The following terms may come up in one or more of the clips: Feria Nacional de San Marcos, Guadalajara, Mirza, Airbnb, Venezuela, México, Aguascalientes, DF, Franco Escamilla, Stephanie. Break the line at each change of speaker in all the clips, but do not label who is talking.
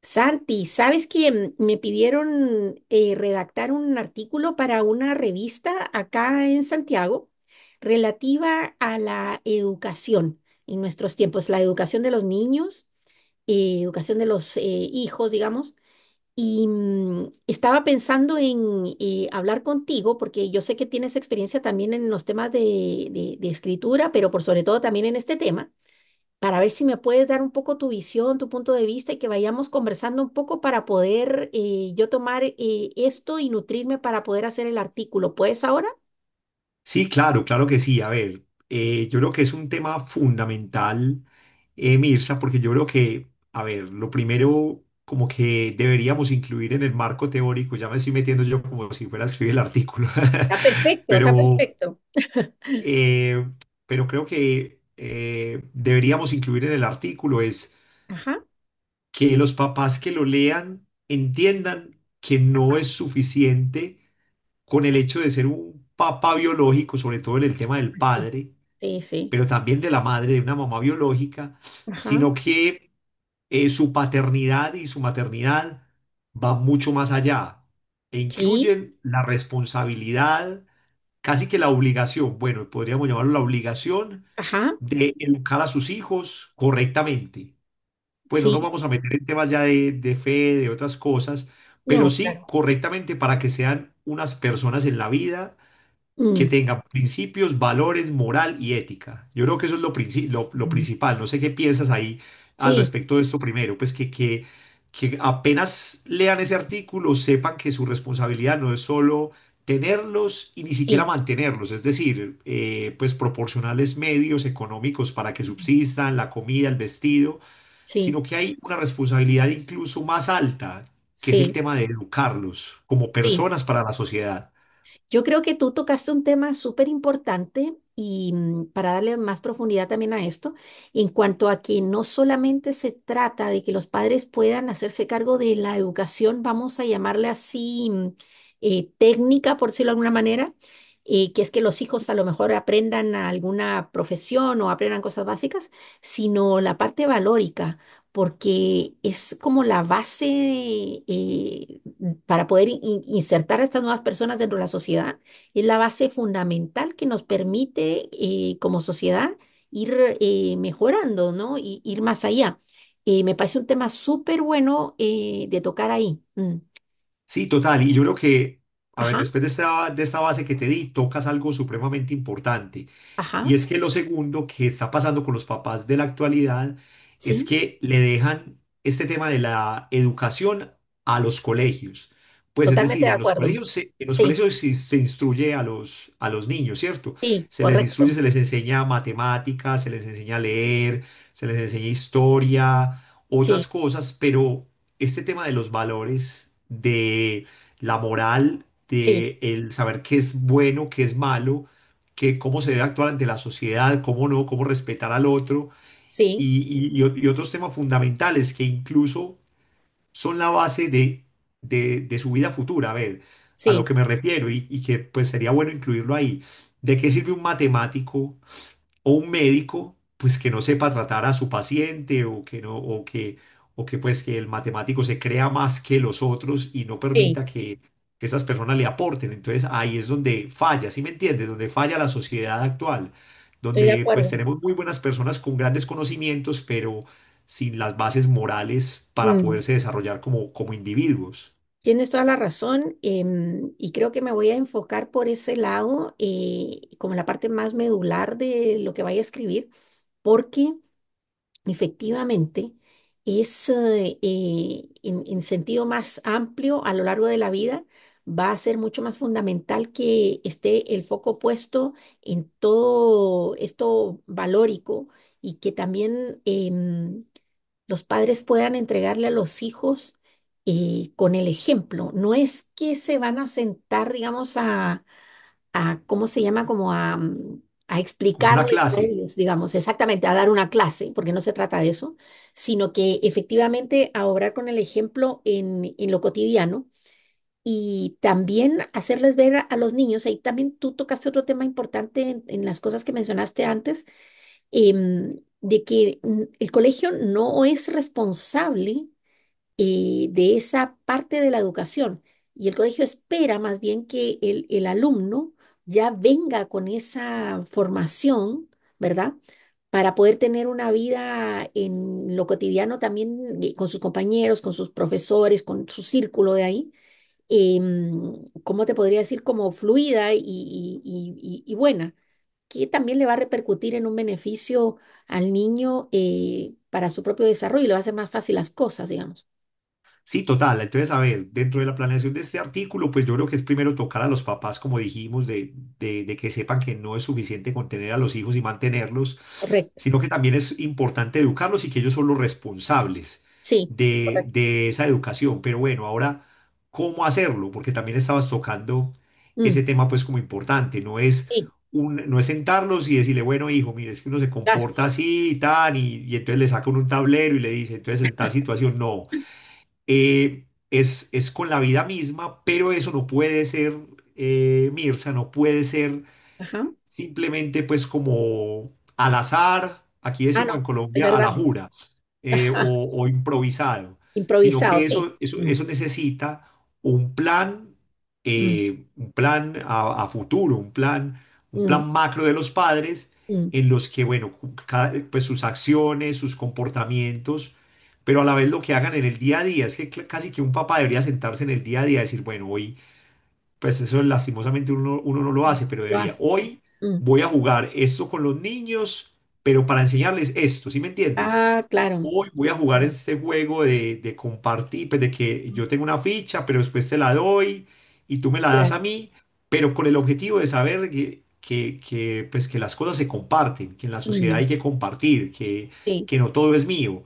Santi, ¿sabes que me pidieron redactar un artículo para una revista acá en Santiago relativa a la educación en nuestros tiempos, la educación de los niños, educación de los hijos, ¿digamos? Y estaba pensando en hablar contigo porque yo sé que tienes experiencia también en los temas de, de escritura, pero por sobre todo también en este tema para ver si me puedes dar un poco tu visión, tu punto de vista y que vayamos conversando un poco para poder yo tomar esto y nutrirme para poder hacer el artículo. ¿Puedes ahora?
Sí, claro, claro que sí. A ver, yo creo que es un tema fundamental, Mirza, porque yo creo que, a ver, lo primero como que deberíamos incluir en el marco teórico, ya me estoy metiendo yo como si fuera a escribir el artículo,
Está perfecto, está
pero,
perfecto.
eh, pero creo que deberíamos incluir en el artículo es
Ajá.
que los papás que lo lean entiendan que no es suficiente con el hecho de ser un papá biológico, sobre todo en el tema del
Sí,
padre
sí, sí.
pero también de la madre, de una mamá biológica,
Ajá.
sino que su paternidad y su maternidad van mucho más allá e
Sí.
incluyen la responsabilidad, casi que la obligación, bueno, podríamos llamarlo la obligación
Ajá.
de educar a sus hijos correctamente. Bueno, no nos
Sí.
vamos a meter en temas ya de fe, de otras cosas, pero
No,
sí
claro.
correctamente para que sean unas personas en la vida que
Mm.
tengan principios, valores, moral y ética. Yo creo que eso es lo
Mm.
principal. No sé qué piensas ahí al
Sí,
respecto de esto primero, pues que apenas lean ese artículo sepan que su responsabilidad no es solo tenerlos y ni siquiera
sí,
mantenerlos, es decir, pues proporcionarles medios económicos para que subsistan, la comida, el vestido,
sí,
sino que hay una responsabilidad incluso más alta, que es el
sí,
tema de educarlos como
sí.
personas para la sociedad.
Yo creo que tú tocaste un tema súper importante y, para darle más profundidad también a esto, en cuanto a que no solamente se trata de que los padres puedan hacerse cargo de la educación, vamos a llamarle así, técnica, por decirlo de alguna manera, que es que los hijos a lo mejor aprendan alguna profesión o aprendan cosas básicas, sino la parte valórica, porque es como la base, eh, para poder insertar a estas nuevas personas dentro de la sociedad, es la base fundamental que nos permite, como sociedad, ir mejorando, ¿no? Y ir más allá. Me parece un tema súper bueno de tocar ahí. Mm.
Sí, total. Y yo creo que, a ver,
Ajá,
después de de esta base que te di, tocas algo supremamente importante.
ajá,
Y es que lo segundo que está pasando con los papás de la actualidad es
sí,
que le dejan este tema de la educación a los colegios. Pues es
totalmente
decir,
de acuerdo.
en los
Sí,
colegios sí se, instruye a a los niños, ¿cierto?
sí,
Se les instruye,
correcto.
se les enseña matemáticas, se les enseña a leer, se les enseña historia, otras
Sí,
cosas, pero este tema de los valores, de la moral,
sí,
de el saber qué es bueno, qué es malo, que cómo se debe actuar ante la sociedad, cómo no, cómo respetar al otro
sí,
y, y otros temas fundamentales que incluso son la base de su vida futura. A ver, a lo
sí,
que me refiero y que pues sería bueno incluirlo ahí. ¿De qué sirve un matemático? O un médico, pues que no sepa tratar a su paciente o que no, o que pues que el matemático se crea más que los otros y no
sí,
permita que esas personas le aporten. Entonces ahí es donde falla, ¿sí me entiendes? Donde falla la sociedad actual,
estoy de
donde pues
acuerdo.
tenemos muy buenas personas con grandes conocimientos, pero sin las bases morales para
Mm.
poderse desarrollar como, como individuos,
Tienes toda la razón, y creo que me voy a enfocar por ese lado, como la parte más medular de lo que vaya a escribir, porque, efectivamente, es, en sentido más amplio a lo largo de la vida, va a ser mucho más fundamental que esté el foco puesto en todo esto valórico y que también, los padres puedan entregarle a los hijos, con el ejemplo. No es que se van a sentar, digamos, a, ¿cómo se llama? Como a, a
como una
explicarles a
clase.
ellos, digamos, exactamente, a dar una clase, porque no se trata de eso, sino que efectivamente a obrar con el ejemplo en lo cotidiano y también hacerles ver a los niños. Ahí también tú tocaste otro tema importante en las cosas que mencionaste antes, de que, el colegio no es responsable de esa parte de la educación. Y el colegio espera más bien que el alumno ya venga con esa formación, ¿verdad? Para poder tener una vida en lo cotidiano también, con sus compañeros, con sus profesores, con su círculo de ahí, ¿cómo te podría decir? Como fluida y, y buena, que también le va a repercutir en un beneficio al niño, para su propio desarrollo y le va a hacer más fácil las cosas, digamos.
Sí, total. Entonces, a ver, dentro de la planeación de este artículo, pues yo creo que es primero tocar a los papás, como dijimos, de que sepan que no es suficiente con tener a los hijos y mantenerlos,
Correcto.
sino que también es importante educarlos y que ellos son los responsables
Sí, correcto.
de esa educación. Pero bueno, ahora, ¿cómo hacerlo? Porque también estabas tocando
Mm,
ese tema, pues como importante, no es...
sí,
no es sentarlos y decirle, bueno, hijo, mire, es que uno se
claro.
comporta así y tal, y entonces le saca uno un tablero y le dice, entonces en tal situación, no es con la vida misma, pero eso no puede ser, Mirza, no puede ser
Ajá.
simplemente pues como al azar, aquí
Ah,
decimos en
no, es
Colombia, a
verdad.
la jura
Ajá.
o improvisado, sino
Improvisado,
que
sí. Mm,
eso necesita un plan,
mm,
un plan a futuro, un
mm,
plan macro de los padres
mm.
en los que, bueno, pues sus acciones, sus comportamientos, pero a la vez lo que hagan en el día a día. Es que casi que un papá debería sentarse en el día a día y decir, bueno, hoy, pues eso lastimosamente uno no lo hace, pero
Lo
debería,
haces.
hoy
Mm.
voy a jugar esto con los niños, pero para enseñarles esto, ¿sí me entiendes?
Ah, claro,
Hoy voy a jugar
claro,
este juego de compartir, pues de que
mm,
yo tengo una ficha, pero después te la doy y tú me la das
claro.
a mí, pero con el objetivo de saber pues que las cosas se comparten, que en la sociedad hay
Mm,
que compartir,
sí,
que no todo es mío.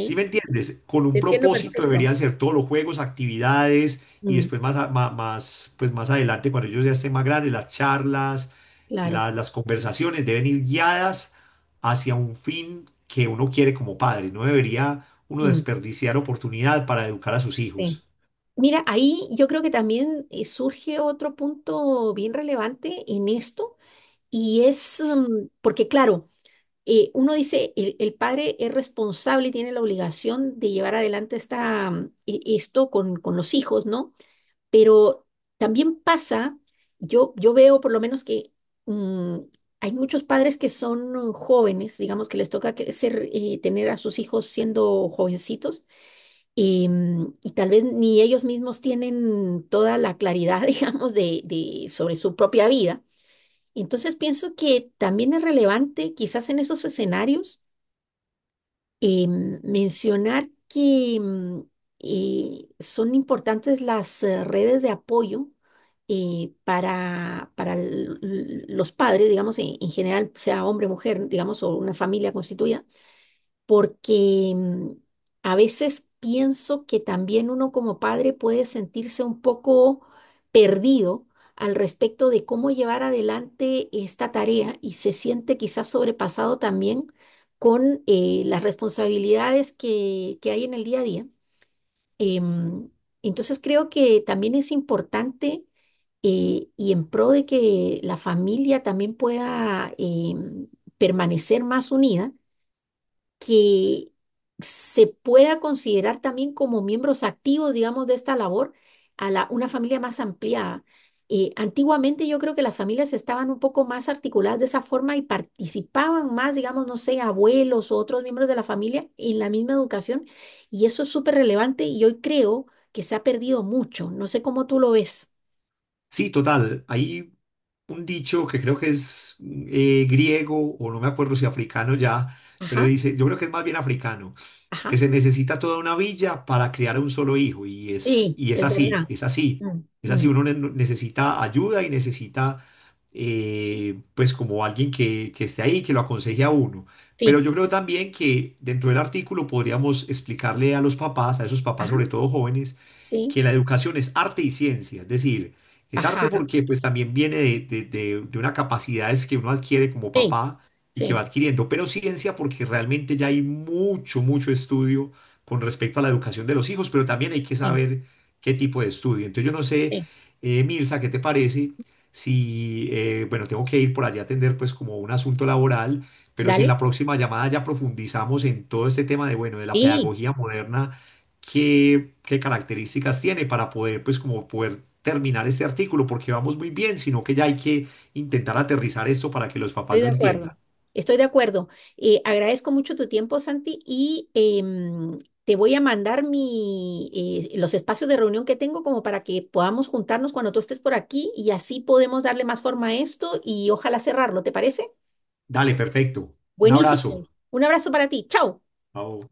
¿Sí me entiendes? Con
te
un
entiendo
propósito
perfecto.
deberían ser todos los juegos, actividades y
Mm,
después más, más, pues más adelante, cuando ellos ya estén más grandes, las charlas,
claro.
las conversaciones deben ir guiadas hacia un fin que uno quiere como padre. No debería uno
Mm,
desperdiciar oportunidad para educar a sus
sí.
hijos.
Mira, ahí yo creo que también, surge otro punto bien relevante en esto y es, porque claro, uno dice, el padre es responsable y tiene la obligación de llevar adelante esta, esto con los hijos, ¿no? Pero también pasa, yo veo por lo menos que, mm, hay muchos padres que son jóvenes, digamos que les toca que ser, tener a sus hijos siendo jovencitos y, y tal vez ni ellos mismos tienen toda la claridad, digamos, de, sobre su propia vida. Entonces pienso que también es relevante quizás en esos escenarios, eh, mencionar que, son importantes las redes de apoyo, para los padres, digamos, en general, sea hombre, mujer, digamos, o una familia constituida, porque, a veces pienso que también uno como padre puede sentirse un poco perdido al respecto de cómo llevar adelante esta tarea y se siente quizás sobrepasado también con, las responsabilidades que hay en el día a día. Em, entonces creo que también es importante, y en pro de que la familia también pueda, em, permanecer más unida, que se pueda considerar también como miembros activos, digamos, de esta labor, a la, una familia más ampliada. Antiguamente yo creo que las familias estaban un poco más articuladas de esa forma y participaban más, digamos, no sé, abuelos o otros miembros de la familia en la misma educación, y eso es súper relevante y hoy creo que se ha perdido mucho. No sé cómo tú lo ves.
Sí, total. Hay un dicho que creo que es griego o no me acuerdo si africano ya, pero
Ajá,
dice, yo creo que es más bien africano que
ajá.
se necesita toda una villa para criar a un solo hijo
Sí,
y es
es
así,
verdad.
es así,
Mm,
es así,
mm,
uno necesita ayuda y necesita pues como alguien que esté ahí, que lo aconseje a uno. Pero
sí,
yo creo también que dentro del artículo podríamos explicarle a los papás, a esos papás
ajá,
sobre todo jóvenes,
sí,
que la educación es arte y ciencia, es decir, es arte
ajá,
porque pues también viene de una capacidades que uno adquiere como
sí,
papá y que va
sí,
adquiriendo, pero ciencia porque realmente ya hay mucho, mucho estudio con respecto a la educación de los hijos, pero también hay que
sí,
saber qué tipo de estudio. Entonces yo no sé,
sí.
Mirza, ¿qué te parece? Si, bueno, tengo que ir por allá a atender pues como un asunto laboral, pero si en
Dale,
la próxima llamada ya profundizamos en todo este tema de, bueno, de la
sí,
pedagogía moderna qué, qué características tiene para poder, pues, como poder terminar este artículo, porque vamos muy bien, sino que ya hay que intentar aterrizar esto para que los papás
estoy de
lo entiendan.
acuerdo. Estoy de acuerdo. Agradezco mucho tu tiempo, Santi, y, em, te voy a mandar mi, los espacios de reunión que tengo como para que podamos juntarnos cuando tú estés por aquí y así podemos darle más forma a esto y ojalá cerrarlo, ¿te parece?
Dale, perfecto. Un
Buenísimo.
abrazo.
Un abrazo para ti. Chao.
Chao.